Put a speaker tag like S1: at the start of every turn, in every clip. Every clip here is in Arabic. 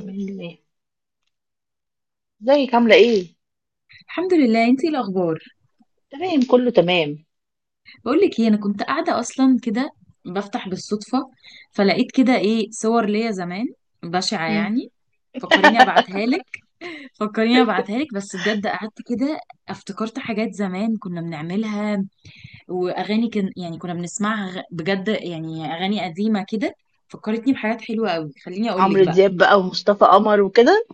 S1: بإذن الله. ازيك، عاملة ايه؟
S2: الحمد لله. انتي الاخبار؟
S1: تمام، كله تمام.
S2: بقول لك ايه، انا كنت قاعده اصلا كده بفتح بالصدفه، فلقيت كده ايه صور ليا زمان بشعه
S1: مم.
S2: يعني. فكريني ابعتها لك. بس بجد قعدت كده افتكرت حاجات زمان كنا بنعملها، واغاني كان يعني كنا بنسمعها بجد يعني اغاني قديمه كده، فكرتني بحاجات حلوه قوي. خليني اقول لك
S1: عمرو
S2: بقى.
S1: دياب بقى ومصطفى قمر وكده.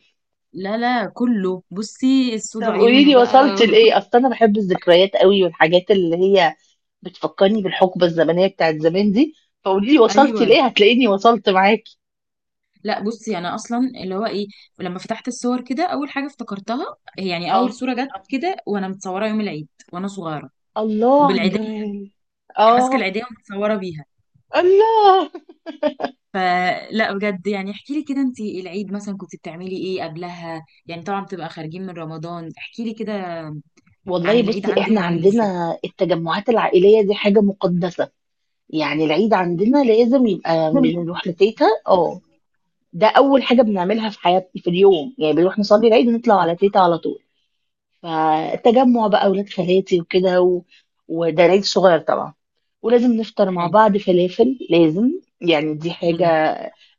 S2: لا، كله بصي السود
S1: طب قولي
S2: عيونه
S1: لي
S2: بقى.
S1: وصلت لإيه؟ أصل أنا بحب الذكريات قوي، والحاجات اللي هي بتفكرني بالحقبة الزمنية بتاعت زمان دي. فقولي لي وصلت
S2: ايوه.
S1: لإيه؟ هتلاقيني وصلت معاكي.
S2: لا بصي يعني انا اصلا اللي هو ايه، لما فتحت الصور كده اول حاجه افتكرتها هي يعني
S1: اه.
S2: اول صوره جت كده وانا متصوره يوم العيد وانا صغيره
S1: الله على
S2: وبالعيديه،
S1: الجمال.
S2: يعني ماسكه
S1: اه.
S2: العيديه ومتصوره بيها.
S1: الله.
S2: فلا بجد يعني احكي لي كده، انت العيد مثلا كنت بتعملي ايه قبلها؟ يعني طبعا بتبقى خارجين من رمضان، احكي لي كده عن
S1: والله
S2: العيد
S1: بصي،
S2: عندك
S1: احنا
S2: عامل ازاي.
S1: عندنا التجمعات العائلية دي حاجة مقدسة. يعني العيد عندنا لازم يبقى
S2: جميل.
S1: بنروح لتيتا. اه، ده اول حاجه بنعملها في حياتي في اليوم. يعني بنروح نصلي العيد ونطلع
S2: اه.
S1: على تيتا على طول. فالتجمع بقى اولاد خالاتي وكده وده العيد صغير طبعا. ولازم نفطر مع
S2: حلو.
S1: بعض، فلافل لازم. يعني دي حاجه
S2: مم.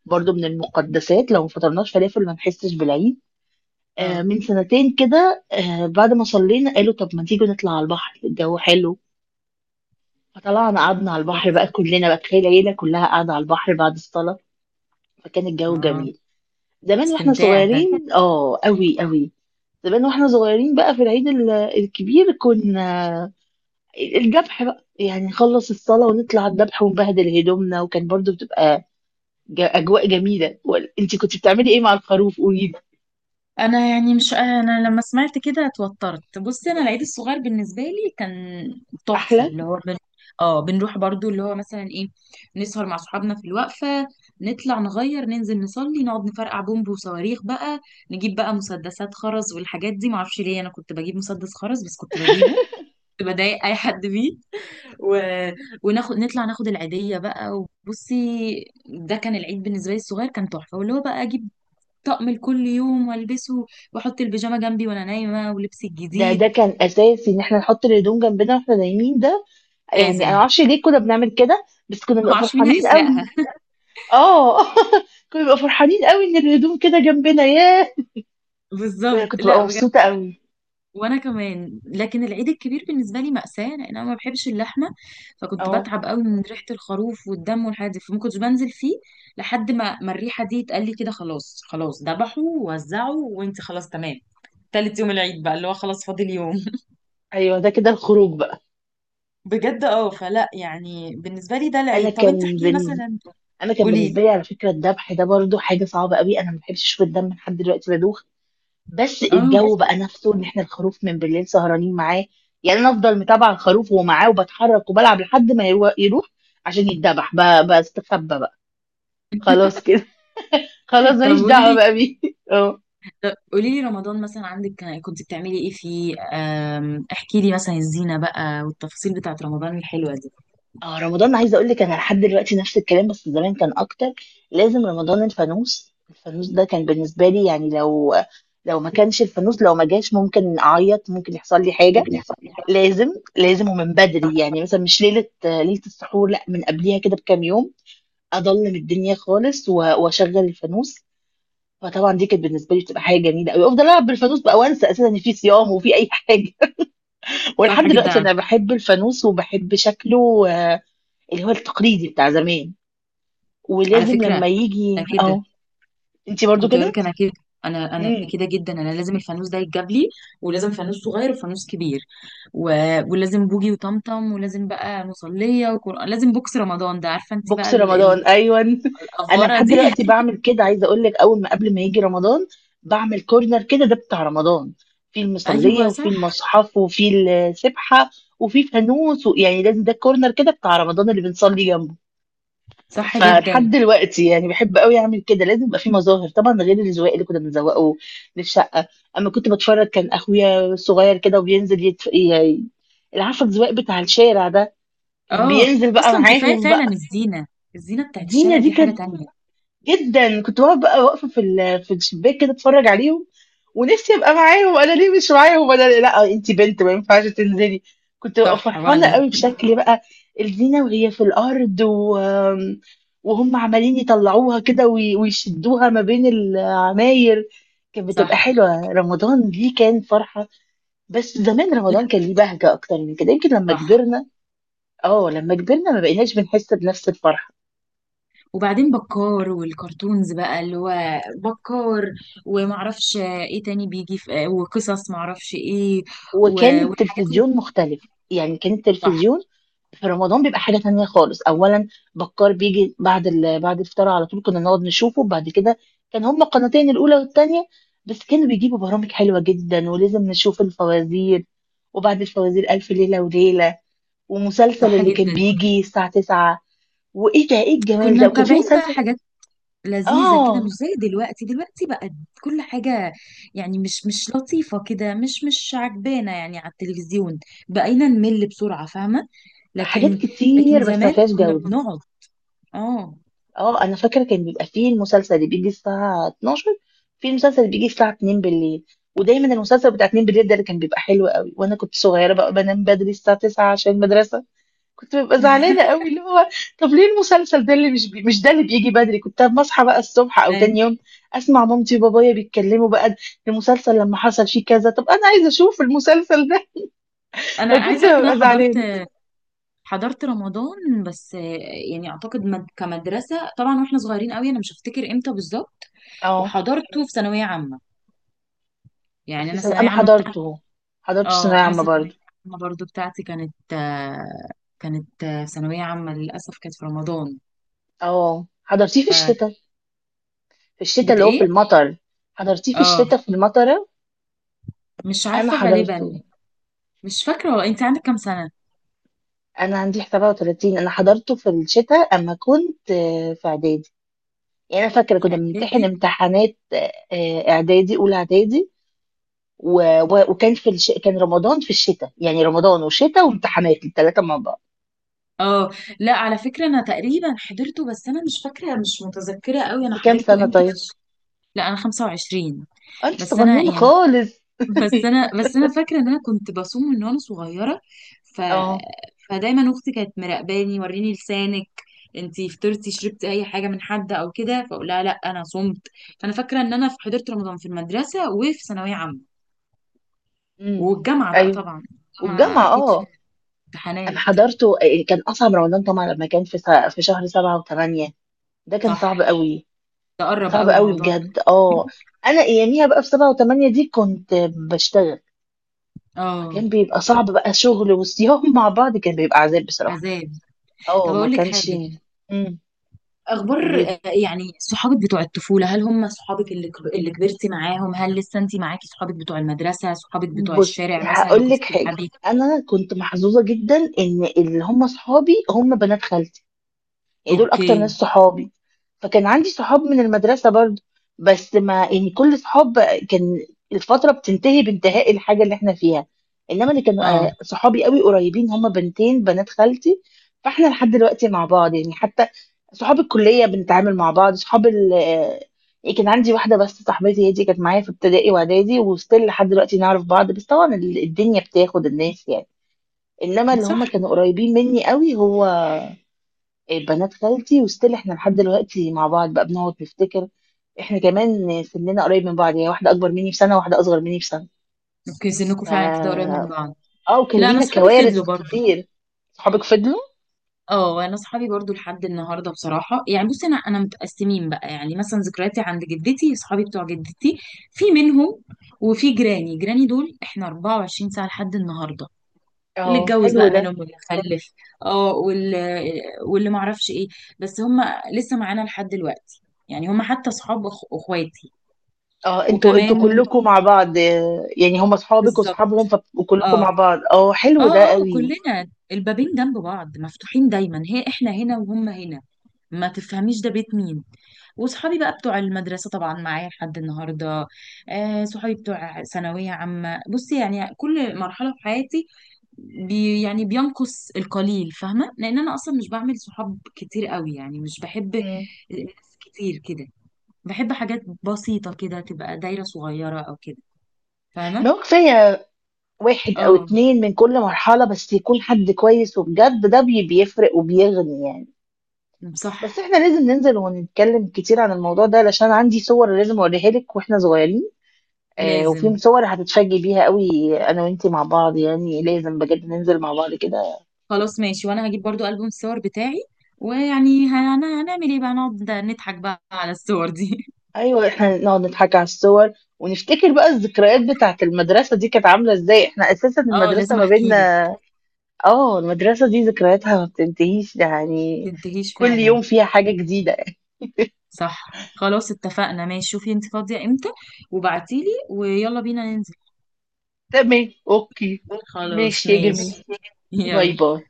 S1: برضو من المقدسات، لو ما فطرناش فلافل ما نحسش بالعيد. آه،
S2: اه.
S1: من سنتين كده، آه، بعد ما صلينا قالوا طب ما تيجوا نطلع على البحر، الجو حلو. فطلعنا قعدنا على البحر بقى،
S2: تحفه.
S1: كلنا بقى تخيل العيله كلها قاعده على البحر بعد الصلاه. فكان الجو
S2: اه.
S1: جميل. زمان واحنا
S2: استمتاع ده.
S1: صغيرين، اه، قوي قوي. زمان واحنا صغيرين بقى، في العيد الكبير كنا الذبح بقى. يعني نخلص الصلاة ونطلع الذبح ونبهدل هدومنا، وكان برضو بتبقى أجواء جميلة. انت كنت بتعملي ايه مع الخروف، قولي لي؟
S2: انا يعني، مش انا لما سمعت كده اتوترت. بصي انا العيد الصغير بالنسبه لي كان تحفه،
S1: أحلى.
S2: اللي هو اه بنروح برضو اللي هو مثلا ايه، نسهر مع صحابنا في الوقفه، نطلع نغير ننزل نصلي نقعد نفرقع بومب وصواريخ بقى، نجيب بقى مسدسات خرز والحاجات دي. معرفش ليه انا كنت بجيب مسدس خرز، بس كنت بجيبه، كنت بضايق اي حد بيه. و... وناخد نطلع ناخد العيديه بقى. وبصي، ده كان العيد بالنسبه لي. الصغير كان تحفه، واللي هو بقى اجيب طقم لكل يوم والبسه، واحط البيجامه جنبي وانا نايمه ولبسي
S1: ده
S2: الجديد.
S1: كان أساسي إن احنا نحط الهدوم جنبنا واحنا نايمين ده. يعني
S2: لازم،
S1: أنا معرفش ليه كنا بنعمل كده، بس كنا
S2: ما
S1: بنبقى
S2: اعرفش مين
S1: فرحانين
S2: هيسرقها.
S1: قوي. اه. كنا بنبقى فرحانين قوي إن الهدوم كده جنبنا. ياه،
S2: بالظبط،
S1: كنت
S2: لا
S1: ببقى
S2: بجد.
S1: مبسوطة قوي.
S2: وانا كمان. لكن العيد الكبير بالنسبه لي مأساة، لان انا ما بحبش اللحمه، فكنت
S1: اه.
S2: بتعب قوي من ريحه الخروف والدم والحاجات دي، فما كنتش بنزل فيه لحد ما الريحه دي اتقال لي كده خلاص خلاص ذبحوا ووزعوا وانت خلاص تمام. تالت يوم العيد بقى اللي هو خلاص فاضل يوم.
S1: ايوه، ده كده الخروج بقى.
S2: بجد اه. فلا يعني بالنسبه لي ده
S1: انا
S2: العيد. طب انت
S1: كان
S2: احكي
S1: بن...
S2: مثلا،
S1: انا كان
S2: قولي لي.
S1: بالنسبه لي على فكره الذبح ده برضو حاجه صعبه قوي. انا ما بحبش اشوف الدم، لحد دلوقتي بدوخ. بس
S2: اه.
S1: الجو بقى نفسه، ان احنا الخروف من بالليل سهرانين معاه. يعني انا افضل متابعه الخروف ومعاه، وبتحرك وبلعب لحد ما يروح عشان يتذبح. بستخبى بقى، خلاص كده. خلاص
S2: طب
S1: ماليش
S2: قولي
S1: دعوه
S2: لي،
S1: بقى بيه. اه.
S2: قولي لي رمضان مثلا عندك كنت بتعملي ايه فيه احكي لي مثلا الزينة بقى والتفاصيل بتاعت رمضان الحلوة دي.
S1: اه، رمضان عايزه اقول لك، انا لحد دلوقتي نفس الكلام بس زمان كان اكتر. لازم رمضان الفانوس. الفانوس ده كان بالنسبه لي يعني، لو ما كانش الفانوس، لو ما جاش ممكن اعيط، ممكن يحصل لي حاجه. لازم. لازم ومن بدري. يعني مثلا مش ليله ليله السحور، لا من قبليها كده بكام يوم اضلم الدنيا خالص واشغل الفانوس. فطبعا دي كانت بالنسبه لي بتبقى حاجه جميله قوي، افضل العب بالفانوس بقى وانسى اساسا ان في صيام وفي اي حاجه. ولحد
S2: صح
S1: دلوقتي
S2: جدا.
S1: انا بحب الفانوس وبحب شكله. اللي هو التقليدي بتاع زمان.
S2: على
S1: ولازم
S2: فكرة
S1: لما يجي
S2: انا كده،
S1: اهو. انتي برضو
S2: كنت بقول
S1: كده.
S2: لك انا كده، انا
S1: امم.
S2: كده جدا. انا لازم الفانوس ده يتجاب لي، ولازم فانوس صغير وفانوس كبير و... ولازم بوجي وطمطم، ولازم بقى مصلية وقرآن، لازم بوكس رمضان ده، عارفة انت بقى
S1: بوكس رمضان، ايوه. انا
S2: الأفورة
S1: لحد
S2: دي.
S1: دلوقتي بعمل كده، عايزه اقول لك اول ما قبل ما يجي رمضان بعمل كورنر كده، ده بتاع رمضان. في المصليه
S2: ايوه
S1: وفي
S2: صح.
S1: المصحف وفي السبحه وفي فانوس يعني لازم ده كورنر كده بتاع رمضان اللي بنصلي جنبه.
S2: صح
S1: فلحد
S2: جدا.
S1: دلوقتي يعني بحب قوي اعمل كده، لازم يبقى في مظاهر طبعا غير الزواق اللي كنا بنزوقه للشقه. اما كنت بتفرج، كان اخويا صغير كده وبينزل اللي عارفه الزواق بتاع الشارع ده، كان
S2: اه
S1: بينزل بقى
S2: اصلا كفايه
S1: معاهم
S2: فعلا
S1: بقى.
S2: الزينه، الزينه بتاعت
S1: دينا
S2: الشارع
S1: دي
S2: دي حاجه
S1: كانت
S2: تانية.
S1: جدا. كنت واقفه بقى واقفه في في الشباك كده اتفرج عليهم، ونفسي ابقى معاهم. انا ليه مش معاهم، لا انت بنت ما ينفعش تنزلي. كنت ببقى
S2: صح.
S1: فرحانه
S2: وانا
S1: قوي بشكل بقى، الزينه وهي في الارض وهم عمالين يطلعوها كده ويشدوها ما بين العماير. كانت بتبقى
S2: صح.
S1: حلوه. رمضان دي كان فرحه، بس زمان
S2: لا
S1: رمضان كان ليه بهجه اكتر من كده، يمكن لما
S2: صح.
S1: كبرنا. اه، لما كبرنا ما بقيناش بنحس بنفس الفرحه.
S2: وبعدين بكار والكرتونز بقى اللي هو بكار، ومعرفش ايه تاني بيجي، في وقصص معرفش ايه،
S1: وكان
S2: والحاجات اللي
S1: التلفزيون مختلف، يعني كان التلفزيون
S2: صح.
S1: في رمضان بيبقى حاجة تانية خالص. أولا بكار بيجي بعد بعد الفطار على طول كنا نقعد نشوفه. بعد كده كان هما قناتين، الأولى والتانية، بس كانوا بيجيبوا برامج حلوة جدا. ولازم نشوف الفوازير، وبعد الفوازير ألف ليلة وليلة، ومسلسل
S2: صح
S1: اللي كان
S2: جدا.
S1: بيجي الساعة 9. وإيه ده، إيه الجمال
S2: كنا
S1: ده! وكان في
S2: متابعين بقى
S1: مسلسل.
S2: حاجات لذيذة كده مش
S1: آه.
S2: زي دلوقتي. دلوقتي بقت كل حاجة يعني مش لطيفة كده، مش عجبانة يعني. على التلفزيون بقينا نمل بسرعة، فاهمة.
S1: حاجات
S2: لكن، لكن
S1: كتير بس ما
S2: زمان
S1: فيهاش
S2: كنا
S1: جودة.
S2: بنقعد. اه.
S1: اه، انا فاكره كان بيبقى فيه المسلسل اللي بيجي الساعه 12، في المسلسل اللي بيجي الساعه 2 بالليل. ودايما المسلسل بتاع 2 بالليل ده اللي كان بيبقى حلو قوي، وانا كنت صغيره بقى بنام بدري الساعه 9 عشان المدرسه. كنت ببقى زعلانه قوي، اللي هو طب ليه المسلسل ده اللي مش ده اللي بيجي بدري. كنت أما اصحى بقى الصبح او
S2: أي.
S1: تاني يوم اسمع مامتي وبابايا بيتكلموا بقى المسلسل لما حصل فيه كذا، طب انا عايزه اشوف المسلسل ده.
S2: انا عايزه
S1: فكنت
S2: اقول لك ان انا
S1: ببقى زعلانه.
S2: حضرت رمضان بس يعني اعتقد كمدرسه طبعا واحنا صغيرين قوي، انا مش هفتكر امتى بالظبط،
S1: اه،
S2: وحضرته في ثانويه عامه. يعني انا
S1: انا
S2: ثانويه عامه.
S1: حضرته. حضرت ثانويه
S2: اه انا
S1: عامه
S2: ثانويه
S1: برضه.
S2: عامه برضو، بتاعتي كانت كانت ثانويه عامه للاسف كانت في رمضان.
S1: اه، حضرتيه في
S2: ف
S1: الشتاء. في الشتاء
S2: بت
S1: اللي هو في
S2: ايه؟
S1: المطر. حضرتيه في
S2: اه
S1: الشتاء في المطرة.
S2: مش
S1: أنا
S2: عارفه غالبا.
S1: حضرته.
S2: مش فاكره، هو انت عندك كام سنه؟
S1: أنا عندي 37. أنا حضرته في الشتاء، أما كنت في إعدادي. يعني أنا فاكرة
S2: في
S1: كنا بنمتحن
S2: اعدادي؟
S1: امتحانات إعدادي، أولى إعدادي. كان رمضان في الشتاء. يعني رمضان وشتاء وامتحانات الثلاثة مع بعض.
S2: اه لا على فكره انا تقريبا حضرته، بس انا مش فاكره، مش متذكره قوي انا
S1: أنت كام
S2: حضرته
S1: سنة
S2: امتى.
S1: طيب؟
S2: لا انا 25.
S1: أنت
S2: بس انا
S1: صغنون
S2: يعني
S1: خالص.
S2: بس انا بس انا فاكره ان انا كنت بصوم من وانا صغيره. ف
S1: أه.
S2: فدايما اختي كانت مراقباني، وريني لسانك، انتي فطرتي شربتي اي حاجه من حد او كده، فاقول لها لا انا صمت. فانا فاكره ان انا في حضرت رمضان في المدرسه وفي ثانويه عامه
S1: امم.
S2: والجامعه بقى
S1: أيوه.
S2: طبعا. الجامعه
S1: والجامعة
S2: اكيد في
S1: أه.
S2: امتحانات.
S1: أنا حضرته، كان أصعب رمضان طبعا لما كان في شهر سبعة وثمانية. ده كان صعب
S2: صح.
S1: قوي. كان
S2: تقرب
S1: صعب
S2: قوي
S1: قوي
S2: الموضوع ده.
S1: بجد، اه. انا اياميها بقى في سبعة وثمانية دي كنت بشتغل.
S2: اه.
S1: فكان بيبقى صعب بقى، شغل وصيام مع بعض كان بيبقى عذاب بصراحة.
S2: عذاب.
S1: اه،
S2: طب
S1: ما
S2: اقول لك
S1: كانش.
S2: حاجه،
S1: امم. قولي
S2: اخبار
S1: لي.
S2: يعني صحابك بتوع الطفوله، هل هم صحابك اللي اللي كبرتي معاهم، هل لسه انت معاكي صحابك بتوع المدرسه، صحابك بتوع
S1: بص
S2: الشارع مثلا لو
S1: هقول
S2: كنت
S1: لك حاجة.
S2: بتلعبي؟
S1: انا كنت محظوظة جدا ان اللي هم صحابي هم بنات خالتي، يعني دول اكتر
S2: اوكي.
S1: ناس صحابي. فكان عندي صحاب من المدرسة برضو، بس ما يعني كل صحاب كان الفترة بتنتهي بانتهاء الحاجة اللي احنا فيها. انما اللي كانوا
S2: اه.
S1: صحابي قوي قريبين هما بنتين بنات خالتي. فاحنا لحد دلوقتي مع بعض، يعني حتى صحاب الكلية بنتعامل مع بعض. صحاب ال آه، يعني كان عندي واحدة بس صاحبتي هي دي، كانت معايا في ابتدائي واعدادي وستيل لحد دلوقتي نعرف بعض، بس طبعا الدنيا بتاخد الناس يعني. انما اللي
S2: صح.
S1: هما كانوا قريبين مني قوي هو بنات خالتي، وستيل احنا لحد دلوقتي مع بعض بقى بنقعد نفتكر. احنا كمان سننا قريب من بعض، يعني واحده اكبر مني بسنه وواحده اصغر مني بسنه.
S2: اوكي سنكم فعلا كده قريب
S1: ف
S2: من بعض.
S1: اه، وكان
S2: لا انا
S1: لينا
S2: صحابي
S1: كوارث
S2: فضلوا برضو.
S1: كتير. صحابك فضلوا.
S2: اه انا صحابي برضو لحد النهارده بصراحه، يعني بصي انا متقسمين بقى يعني مثلا، ذكرياتي عند جدتي صحابي بتوع جدتي في منهم، وفي جيراني، دول احنا 24 ساعه لحد النهارده، اللي
S1: اه،
S2: اتجوز
S1: حلو
S2: بقى
S1: ده.
S2: منهم واللي خلف، اه، واللي، واللي ما اعرفش ايه، بس هم لسه معانا لحد دلوقتي، يعني هم حتى اصحاب اخواتي.
S1: اه، انتوا
S2: وكمان.
S1: كلكم مع بعض. يعني هم اصحابك
S2: بالظبط.
S1: واصحابهم وكلكم مع
S2: اه.
S1: بعض. اه، حلو ده
S2: اه
S1: قوي.
S2: كلنا البابين جنب بعض مفتوحين دايما، هي احنا هنا وهم هنا، ما تفهميش ده بيت مين. وصحابي بقى بتوع المدرسة طبعا معايا لحد النهاردة. آه صحابي بتوع ثانوية عامة. بصي يعني كل مرحلة في حياتي بي يعني بينقص القليل، فاهمه؟ لان انا اصلا مش بعمل صحاب كتير قوي، يعني مش بحب
S1: مم.
S2: ناس كتير كده، بحب حاجات بسيطه كده تبقى دايره صغيره او كده،
S1: ما
S2: فاهمه.
S1: هو كفايه واحد او
S2: اه.
S1: اتنين من كل مرحله، بس يكون حد كويس وبجد ده بيفرق وبيغني يعني. بس
S2: صح.
S1: احنا لازم ننزل ونتكلم كتير عن الموضوع ده، علشان عندي صور لازم اوريها لك واحنا صغيرين. آه،
S2: لازم.
S1: وفي صور هتتفاجئي بيها قوي. انا وانتي مع بعض يعني لازم بجد ننزل مع بعض كده.
S2: خلاص ماشي، وانا هجيب برضو ألبوم الصور بتاعي، ويعني هنعمل ايه بقى، نقعد نضحك بقى على الصور دي.
S1: ايوه، احنا نقعد نضحك على الصور، ونفتكر بقى الذكريات بتاعه المدرسة دي كانت عاملة ازاي. احنا اساسا
S2: اه
S1: المدرسة
S2: لازم
S1: ما
S2: احكي لك.
S1: بيننا. اه، المدرسة دي ذكرياتها ما بتنتهيش يعني،
S2: تنتهيش
S1: كل
S2: فعلا.
S1: يوم فيها حاجة جديدة.
S2: صح خلاص اتفقنا. ماشي شوفي انت فاضيه امتى وبعتيلي، ويلا بينا ننزل.
S1: تمام، اوكي.
S2: خلاص
S1: ماشي يا
S2: ماشي.
S1: جميل. باي
S2: يلا.
S1: باي.